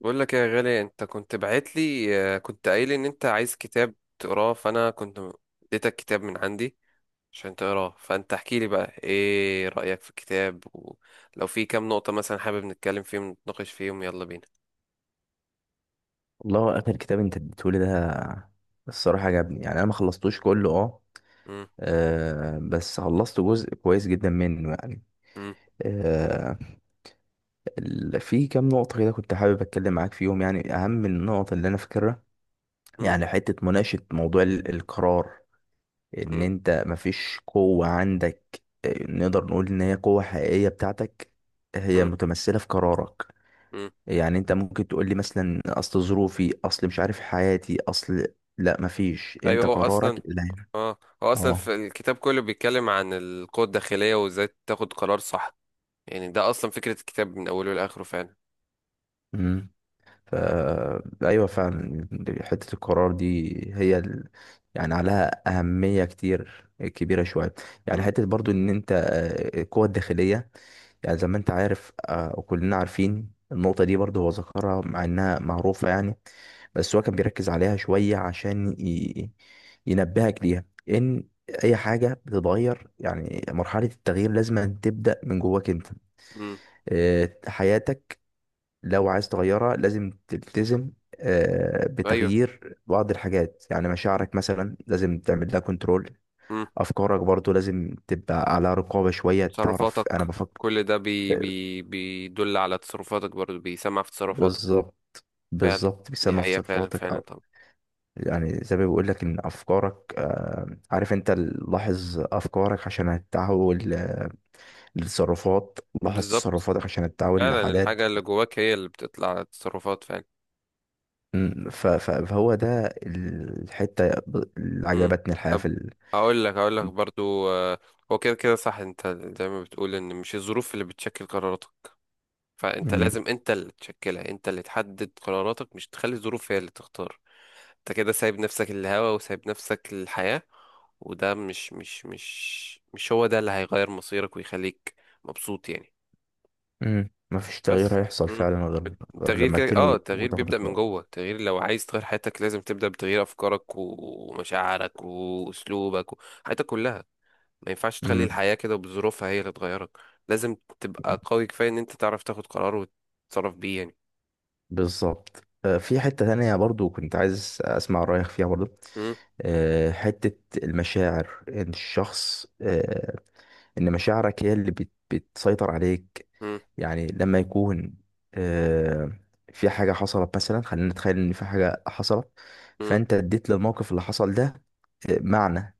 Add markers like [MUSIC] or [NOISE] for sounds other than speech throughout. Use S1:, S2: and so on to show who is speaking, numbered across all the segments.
S1: بقول لك يا غالي، انت كنت بعت لي. كنت قايل ان انت عايز كتاب تقراه، فانا كنت اديتك كتاب من عندي عشان تقراه. فانت احكي لي بقى ايه رأيك في الكتاب، ولو في كام نقطة مثلا حابب نتكلم فيهم نتناقش فيهم، يلا بينا.
S2: والله، اخر كتاب انت اديتهولي ده، الصراحه عجبني. يعني انا ما خلصتوش كله
S1: مم،
S2: بس خلصت جزء كويس جدا منه. يعني
S1: مم،
S2: آه، في كام نقطه كده كنت حابب اتكلم معاك فيهم، يعني اهم النقط اللي انا فاكرها.
S1: مم،
S2: يعني حته مناقشه موضوع القرار، ان
S1: مم،
S2: انت مفيش قوه عندك. نقدر نقول ان هي قوه حقيقيه بتاعتك، هي
S1: مم،
S2: متمثله في قرارك.
S1: مم.
S2: يعني انت ممكن تقول لي مثلا: اصل ظروفي، اصل مش عارف حياتي، اصل... لا، مفيش، انت
S1: ايوه هو
S2: قرارك
S1: اصلا
S2: اللي هينفع.
S1: اه هو اصلا
S2: اه
S1: في الكتاب كله بيتكلم عن القوة الداخلية وازاي تاخد قرار صح. يعني ده اصلا فكرة الكتاب من اوله لاخره فعلا.
S2: امم ف ايوه فعلا. حته القرار دي هي ال... يعني عليها اهميه كتير كبيره شويه. يعني
S1: مم،
S2: حته برضو ان انت القوه الداخليه، يعني زي ما انت عارف وكلنا عارفين النقطة دي، برضه هو ذكرها مع انها معروفة يعني. بس هو كان بيركز عليها شوية عشان ينبهك ليها، ان اي حاجة بتتغير، يعني مرحلة التغيير لازم أن تبدأ من جواك انت.
S1: مم،
S2: حياتك لو عايز تغيرها لازم تلتزم
S1: ايوه.
S2: بتغيير بعض الحاجات، يعني مشاعرك مثلا لازم تعمل لها كنترول، افكارك برضو لازم تبقى على رقابة شوية، تعرف
S1: تصرفاتك.
S2: انا بفكر.
S1: كل ده بي
S2: آه،
S1: بي بيدل على تصرفاتك، برضو بيسمع في تصرفاتك.
S2: بالظبط،
S1: فعلا.
S2: بالظبط
S1: دي
S2: بيسمع في
S1: حقيقة فعلا
S2: تصرفاتك
S1: فعلا
S2: أو...
S1: طبعا.
S2: يعني زي ما بيقول لك ان افكارك عارف انت لاحظ افكارك عشان هتتحول لتصرفات، لاحظ
S1: بالظبط.
S2: تصرفاتك عشان هتتحول
S1: فعلا
S2: لعادات.
S1: الحاجة اللي جواك هي اللي بتطلع على التصرفات فعلا.
S2: فهو ده الحتة اللي
S1: مم.
S2: عجبتني
S1: طب، هقول لك برضو، هو كده كده صح. انت زي ما بتقول ان مش الظروف اللي بتشكل قراراتك. فانت
S2: م،
S1: لازم انت اللي تشكلها، انت اللي تحدد قراراتك، مش تخلي الظروف هي اللي تختار. انت كده سايب نفسك الهوا وسايب نفسك الحياة. وده مش هو ده اللي هيغير مصيرك ويخليك مبسوط يعني.
S2: م، مفيش تغيير
S1: بس
S2: هيحصل
S1: مم.
S2: فعلا غير
S1: التغيير
S2: لما
S1: كده، اه،
S2: تنوي
S1: التغيير
S2: وتاخد
S1: بيبدأ من
S2: قرار.
S1: جوه. التغيير لو عايز تغير حياتك لازم تبدأ بتغيير أفكارك ومشاعرك وأسلوبك حياتك كلها. ما ينفعش تخلي
S2: مم.
S1: الحياة كده بظروفها هي اللي تغيرك. لازم تبقى قوي كفاية إن أنت تعرف تاخد قرار وتتصرف بيه يعني.
S2: بالظبط. في حتة تانية برضو كنت عايز أسمع رأيك فيها برضو.
S1: امم.
S2: حتة المشاعر، إن الشخص إن مشاعرك هي اللي بتسيطر عليك.
S1: مم،
S2: يعني لما يكون آه، في حاجة حصلت مثلا، خلينا نتخيل إن في حاجة حصلت،
S1: مم،
S2: فأنت اديت للموقف اللي حصل ده معنى،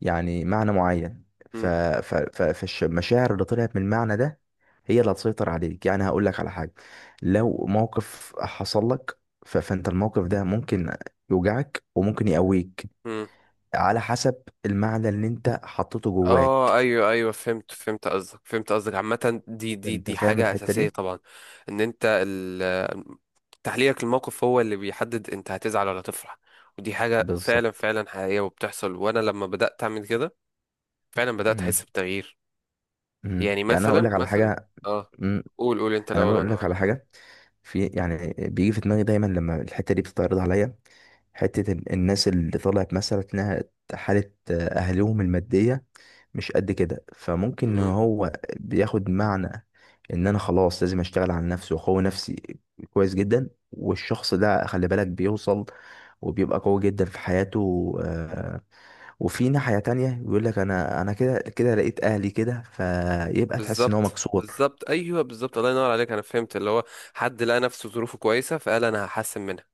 S2: يعني معنى معين.
S1: مم،
S2: فالمشاعر اللي طلعت من المعنى ده هي اللي هتسيطر عليك. يعني هقول لك على حاجة: لو موقف حصل لك فانت الموقف ده ممكن يوجعك وممكن يقويك
S1: مم.
S2: على حسب المعنى اللي انت حطيته
S1: اه،
S2: جواك.
S1: ايوه ايوه، فهمت فهمت قصدك فهمت قصدك. عامة دي دي
S2: انت
S1: دي
S2: فاهم
S1: حاجة
S2: الحتة
S1: أساسية
S2: دي؟
S1: طبعا. ان انت تحليلك للموقف هو اللي بيحدد انت هتزعل ولا تفرح. ودي حاجة فعلا
S2: بالظبط.
S1: فعلا حقيقية وبتحصل. وانا لما بدأت اعمل كده فعلا بدأت
S2: مم.
S1: احس بتغيير.
S2: مم.
S1: يعني مثلا مثلا اه، قول قول انت
S2: انا
S1: الاول
S2: بقول
S1: وانا
S2: لك
S1: اقول لك
S2: على
S1: بعدين.
S2: حاجه. في، يعني بيجي في دماغي دايما لما الحته دي بتتعرض عليا. حته الناس اللي طلعت مثلا انها حاله اهلهم الماديه مش قد كده، فممكن ان
S1: مم.
S2: هو بياخد معنى ان انا خلاص لازم اشتغل على نفسي واقوي نفسي كويس جدا، والشخص ده خلي بالك بيوصل وبيبقى قوي جدا في حياته. وفي ناحية تانية بيقول لك: انا كده كده لقيت اهلي كده، فيبقى تحس ان هو
S1: بالظبط
S2: مكسور.
S1: بالظبط، ايوه بالظبط. الله ينور عليك. انا فهمت اللي هو حد لقى نفسه ظروفه كويسة فقال انا هحسن منها،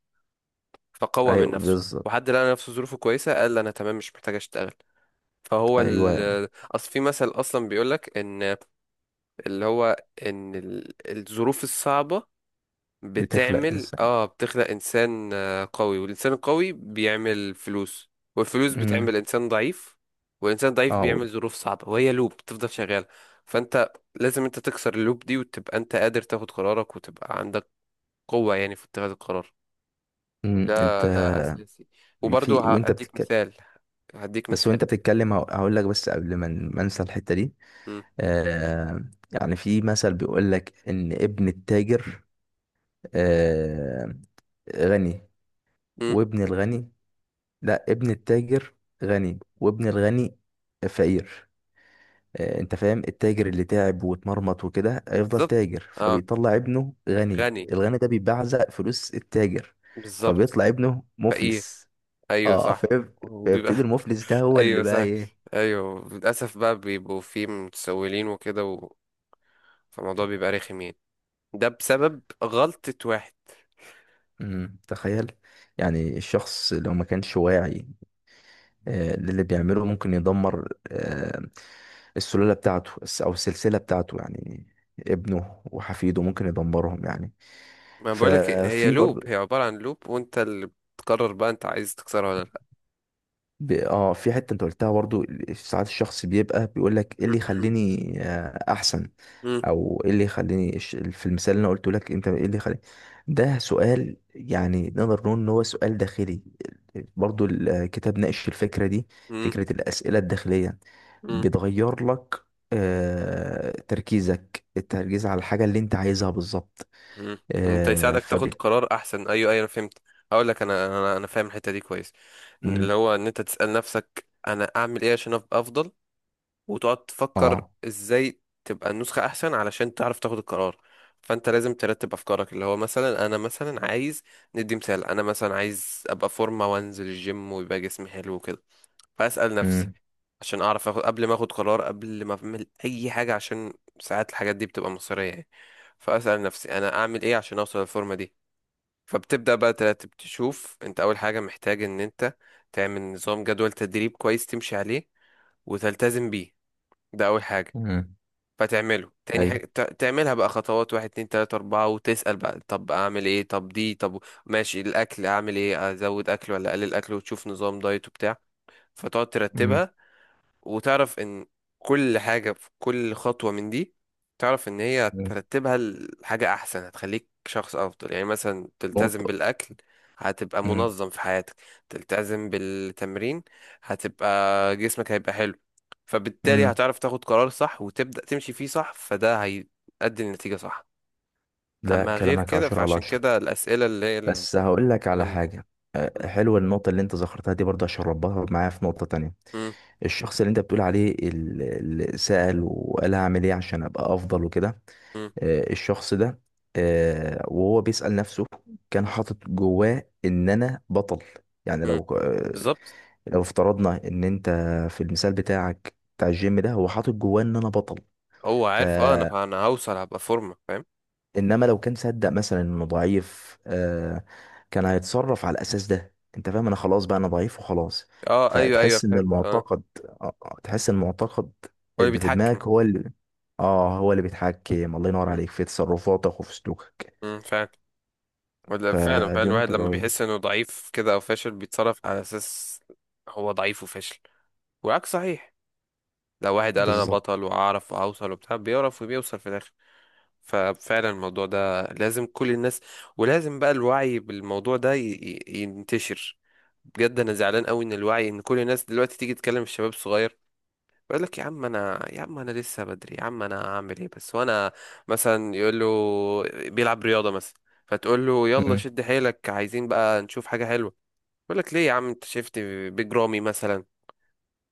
S1: فقوى من
S2: ايوه،
S1: نفسه.
S2: بالظبط.
S1: وحد لقى نفسه ظروفه كويسة قال انا تمام مش محتاج اشتغل. فهو
S2: ايوه،
S1: اصل في مثل اصلا بيقولك ان اللي هو ان الظروف الصعبة
S2: بتخلق
S1: بتعمل،
S2: انسان.
S1: اه، بتخلق انسان، قوي. والانسان القوي بيعمل فلوس، والفلوس
S2: امم
S1: بتعمل انسان ضعيف، والانسان ضعيف
S2: اه
S1: بيعمل ظروف صعبة، وهي لوب بتفضل شغالة. فانت لازم انت تكسر اللوب دي، وتبقى انت قادر تاخد قرارك، وتبقى عندك قوة يعني في اتخاذ القرار.
S2: انت.
S1: ده اساسي.
S2: في
S1: وبرضه
S2: وانت
S1: هديك
S2: بتتكلم
S1: مثال هديك
S2: بس
S1: مثال
S2: وانت بتتكلم هقول لك، بس قبل ما ما انسى الحته دي.
S1: مم.
S2: آه يعني في مثل بيقول لك ان ابن التاجر آه غني،
S1: مم.
S2: وابن الغني... لا، ابن التاجر غني وابن الغني فقير. انت فاهم؟ التاجر اللي تعب واتمرمط وكده هيفضل
S1: بالظبط.
S2: تاجر
S1: اه.
S2: فبيطلع ابنه غني،
S1: غني.
S2: الغني ده بيبعزق فلوس التاجر
S1: بالظبط.
S2: فبيطلع ابنه
S1: فقير.
S2: مفلس.
S1: ايوه
S2: اه
S1: صح.
S2: فيب-
S1: وبيبقى
S2: فيبتدي المفلس ده
S1: [LAUGHS]
S2: هو اللي
S1: ايوه
S2: بقى
S1: صح.
S2: ايه.
S1: ايوه للاسف بقى بيبقوا فيه متسولين وكده و... فالموضوع بيبقى رخم يعني، ده بسبب غلطة واحد.
S2: مم، تخيل. يعني الشخص لو ما كانش واعي للي بيعمله ممكن يدمر السلالة بتاعته، الس- او السلسلة بتاعته يعني، ابنه وحفيده ممكن يدمرهم يعني.
S1: ما بقولك هي
S2: ففي
S1: لوب،
S2: برضو
S1: هي عبارة عن لوب، وانت اللي بتقرر بقى انت عايز تكسرها ولا لا.
S2: ب... اه في حتة انت قلتها برضو، ساعات الشخص بيبقى بيقول لك ايه اللي
S1: [CLEARS THROAT]
S2: يخليني احسن،
S1: مم.
S2: او ايه اللي يخليني في المثال اللي انا قلته لك، انت ايه اللي يخليني. ده سؤال، يعني نقدر نقول ان هو سؤال داخلي. برضو الكتاب ناقش الفكرة دي،
S1: مم.
S2: فكرة الأسئلة الداخلية،
S1: مم.
S2: بتغير لك تركيزك، التركيز على الحاجة اللي انت عايزها بالظبط.
S1: مم. انت
S2: آه،
S1: يساعدك تاخد
S2: فب
S1: قرار احسن. ايوه ايوه انا فهمت. هقول لك، انا فاهم الحته دي كويس. ان اللي
S2: مم.
S1: هو ان انت تسال نفسك انا اعمل ايه عشان ابقى افضل، وتقعد تفكر
S2: اه.
S1: ازاي تبقى النسخه احسن علشان تعرف تاخد القرار. فانت لازم ترتب افكارك. اللي هو مثلا انا مثلا عايز، ندي مثال، انا مثلا عايز ابقى فورمه وانزل الجيم ويبقى جسمي حلو وكده. فاسال نفسي
S2: مم.
S1: عشان اعرف أخد، قبل ما اخد قرار قبل ما اعمل اي حاجه، عشان ساعات الحاجات دي بتبقى مصيريه يعني. فاسال نفسي انا اعمل ايه عشان اوصل للفورمه دي. فبتبدا بقى ترتب، تشوف انت اول حاجه محتاج ان انت تعمل نظام، جدول تدريب كويس تمشي عليه وتلتزم بيه. ده أول حاجة.
S2: مم.
S1: فتعمله تاني
S2: اي.
S1: حاجة، تعملها بقى خطوات، واحد اتنين تلاتة أربعة، وتسأل بقى طب أعمل إيه، طب دي، طب ماشي، الأكل أعمل إيه، أزود أكل ولا أقلل أكل، وتشوف نظام دايت وبتاع. فتقعد
S2: مم.
S1: ترتبها، وتعرف ان كل حاجة في كل خطوة من دي، تعرف ان هي
S2: مم.
S1: ترتبها لحاجة احسن هتخليك شخص افضل. يعني مثلا تلتزم
S2: نقطة.
S1: بالاكل، هتبقى
S2: مم.
S1: منظم في حياتك. تلتزم بالتمرين، هتبقى، جسمك هيبقى حلو. فبالتالي
S2: مم.
S1: هتعرف تاخد قرار صح وتبدأ تمشي فيه صح، فده هيؤدي لنتيجة صح.
S2: لا،
S1: اما غير
S2: كلامك
S1: كده
S2: عشرة على
S1: فعشان
S2: عشرة
S1: كده الاسئلة اللي هي
S2: بس هقول لك على
S1: الكلام ده.
S2: حاجة.
S1: م-
S2: حلوة النقطة اللي انت ذكرتها دي برضه، عشان ربطها معايا في نقطة تانية.
S1: م-
S2: الشخص اللي انت بتقول عليه اللي سأل وقال هعمل ايه عشان ابقى افضل وكده،
S1: م-
S2: الشخص ده وهو بيسأل نفسه كان حاطط جواه ان انا بطل. يعني
S1: م. بالظبط.
S2: لو افترضنا ان انت في المثال بتاعك بتاع الجيم ده هو حاطط جواه ان انا بطل.
S1: هو
S2: ف
S1: عارف، اه، انا هوصل هبقى فورمة، فاهم.
S2: انما لو كان صدق مثلا انه ضعيف كان هيتصرف على الاساس ده. انت فاهم؟ انا خلاص بقى انا ضعيف وخلاص.
S1: اه ايوه ايوه
S2: فتحس ان
S1: فهمت. اه هو
S2: المعتقد آه آه، تحس ان المعتقد
S1: اللي
S2: اللي في
S1: بيتحكم.
S2: دماغك هو اللي... اه، هو اللي بيتحكم. الله ينور
S1: مم،
S2: عليك، في تصرفاتك وفي سلوكك،
S1: مم، فعلا. ولا فعلا فعلا،
S2: فدي
S1: الواحد
S2: نقطة
S1: لما
S2: قوية.
S1: بيحس انه ضعيف كده او فاشل بيتصرف على اساس هو ضعيف وفاشل. والعكس صحيح، لو واحد قال انا
S2: بالظبط.
S1: بطل واعرف واوصل وبتاع، بيعرف وبيوصل في الاخر. ففعلا الموضوع ده لازم كل الناس، ولازم بقى الوعي بالموضوع ده ينتشر. بجد انا زعلان قوي ان الوعي، ان كل الناس دلوقتي تيجي تكلم الشباب الصغير، بقول لك يا عم انا، يا عم انا لسه بدري، يا عم انا هعمل ايه بس وانا، مثلا يقول له، بيلعب رياضه مثلا، فتقول له يلا
S2: مم.
S1: شد حيلك عايزين بقى نشوف حاجه حلوه، يقول لك ليه يا عم انت شفت بجرامي مثلا.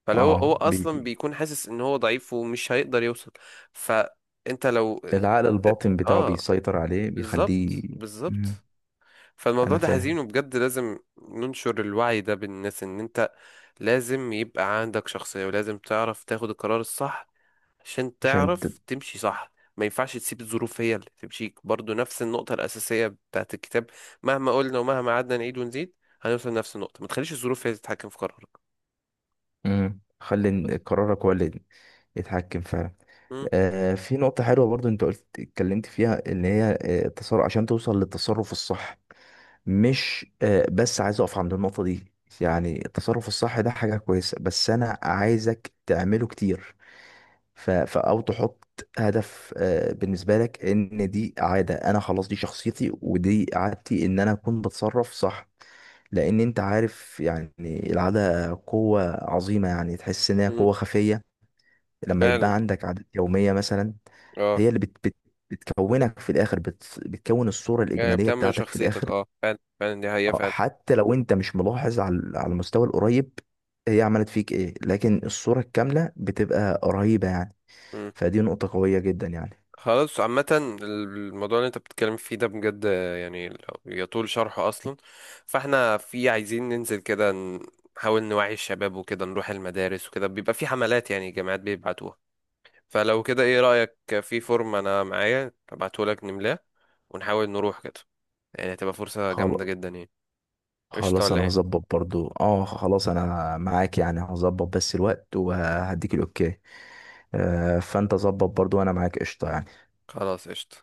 S1: فلو هو
S2: اه، بي بي
S1: اصلا بيكون حاسس ان هو ضعيف ومش هيقدر يوصل، فانت لو،
S2: العقل الباطن بتاعه
S1: اه،
S2: بيسيطر عليه بيخليه.
S1: بالظبط
S2: مم.
S1: بالظبط. فالموضوع
S2: انا
S1: ده حزين
S2: فاهم.
S1: وبجد لازم ننشر الوعي ده بالناس، ان انت لازم يبقى عندك شخصية، ولازم تعرف تاخد القرار الصح عشان
S2: عشان ت...
S1: تعرف تمشي صح. ما ينفعش تسيب الظروف هي اللي تمشيك، برضو نفس النقطة الأساسية بتاعت الكتاب. مهما قلنا ومهما قعدنا نعيد ونزيد، هنوصل لنفس النقطة، ما تخليش الظروف هي اللي تتحكم في قرارك.
S2: مم. خلي
S1: بس
S2: إن قرارك هو اللي يتحكم فعلا.
S1: مم.
S2: في نقطة حلوة برضو انت اتكلمت فيها اللي هي التصرف، عشان توصل للتصرف الصح. مش بس عايز اقف عند النقطة دي. يعني التصرف الصح ده حاجة كويسة، بس انا عايزك تعمله كتير. او تحط هدف بالنسبة لك ان دي عادة، انا خلاص دي شخصيتي ودي عادتي ان انا اكون بتصرف صح. لان انت عارف يعني العادة قوة عظيمة، يعني تحس انها
S1: مم.
S2: قوة خفية لما
S1: فعلا،
S2: يبقى عندك عادات يومية مثلا.
S1: اه،
S2: هي اللي بت بت بتكونك في الآخر، بتكون الصورة
S1: يعني
S2: الإجمالية
S1: بتعمل
S2: بتاعتك في
S1: شخصيتك،
S2: الآخر.
S1: اه فعلا فعلا دي حقيقة فعلا.
S2: حتى لو أنت مش ملاحظ على المستوى القريب هي عملت فيك إيه، لكن الصورة الكاملة بتبقى قريبة يعني،
S1: مم.
S2: فدي نقطة قوية جدا يعني.
S1: خلاص، عامة الموضوع اللي انت بتتكلم فيه ده بجد، يعني يطول شرحه أصلا. فاحنا في، عايزين ننزل كده، نحاول نوعي الشباب وكده، نروح المدارس وكده، بيبقى في حملات يعني جامعات بيبعتوها. فلو كده ايه رأيك، في فورم انا معايا ابعتهولك نملاه ونحاول نروح كده، يعني هتبقى فرصة
S2: خلاص،
S1: جامدة جدا يعني. قشطة
S2: خلاص
S1: ولا
S2: أنا
S1: ايه؟
S2: هظبط برضو. خلاص أنا معاك يعني، هظبط بس الوقت وهديك الأوكي. فأنت ظبط برضو وأنا معاك قشطة يعني.
S1: خلاص قشطة.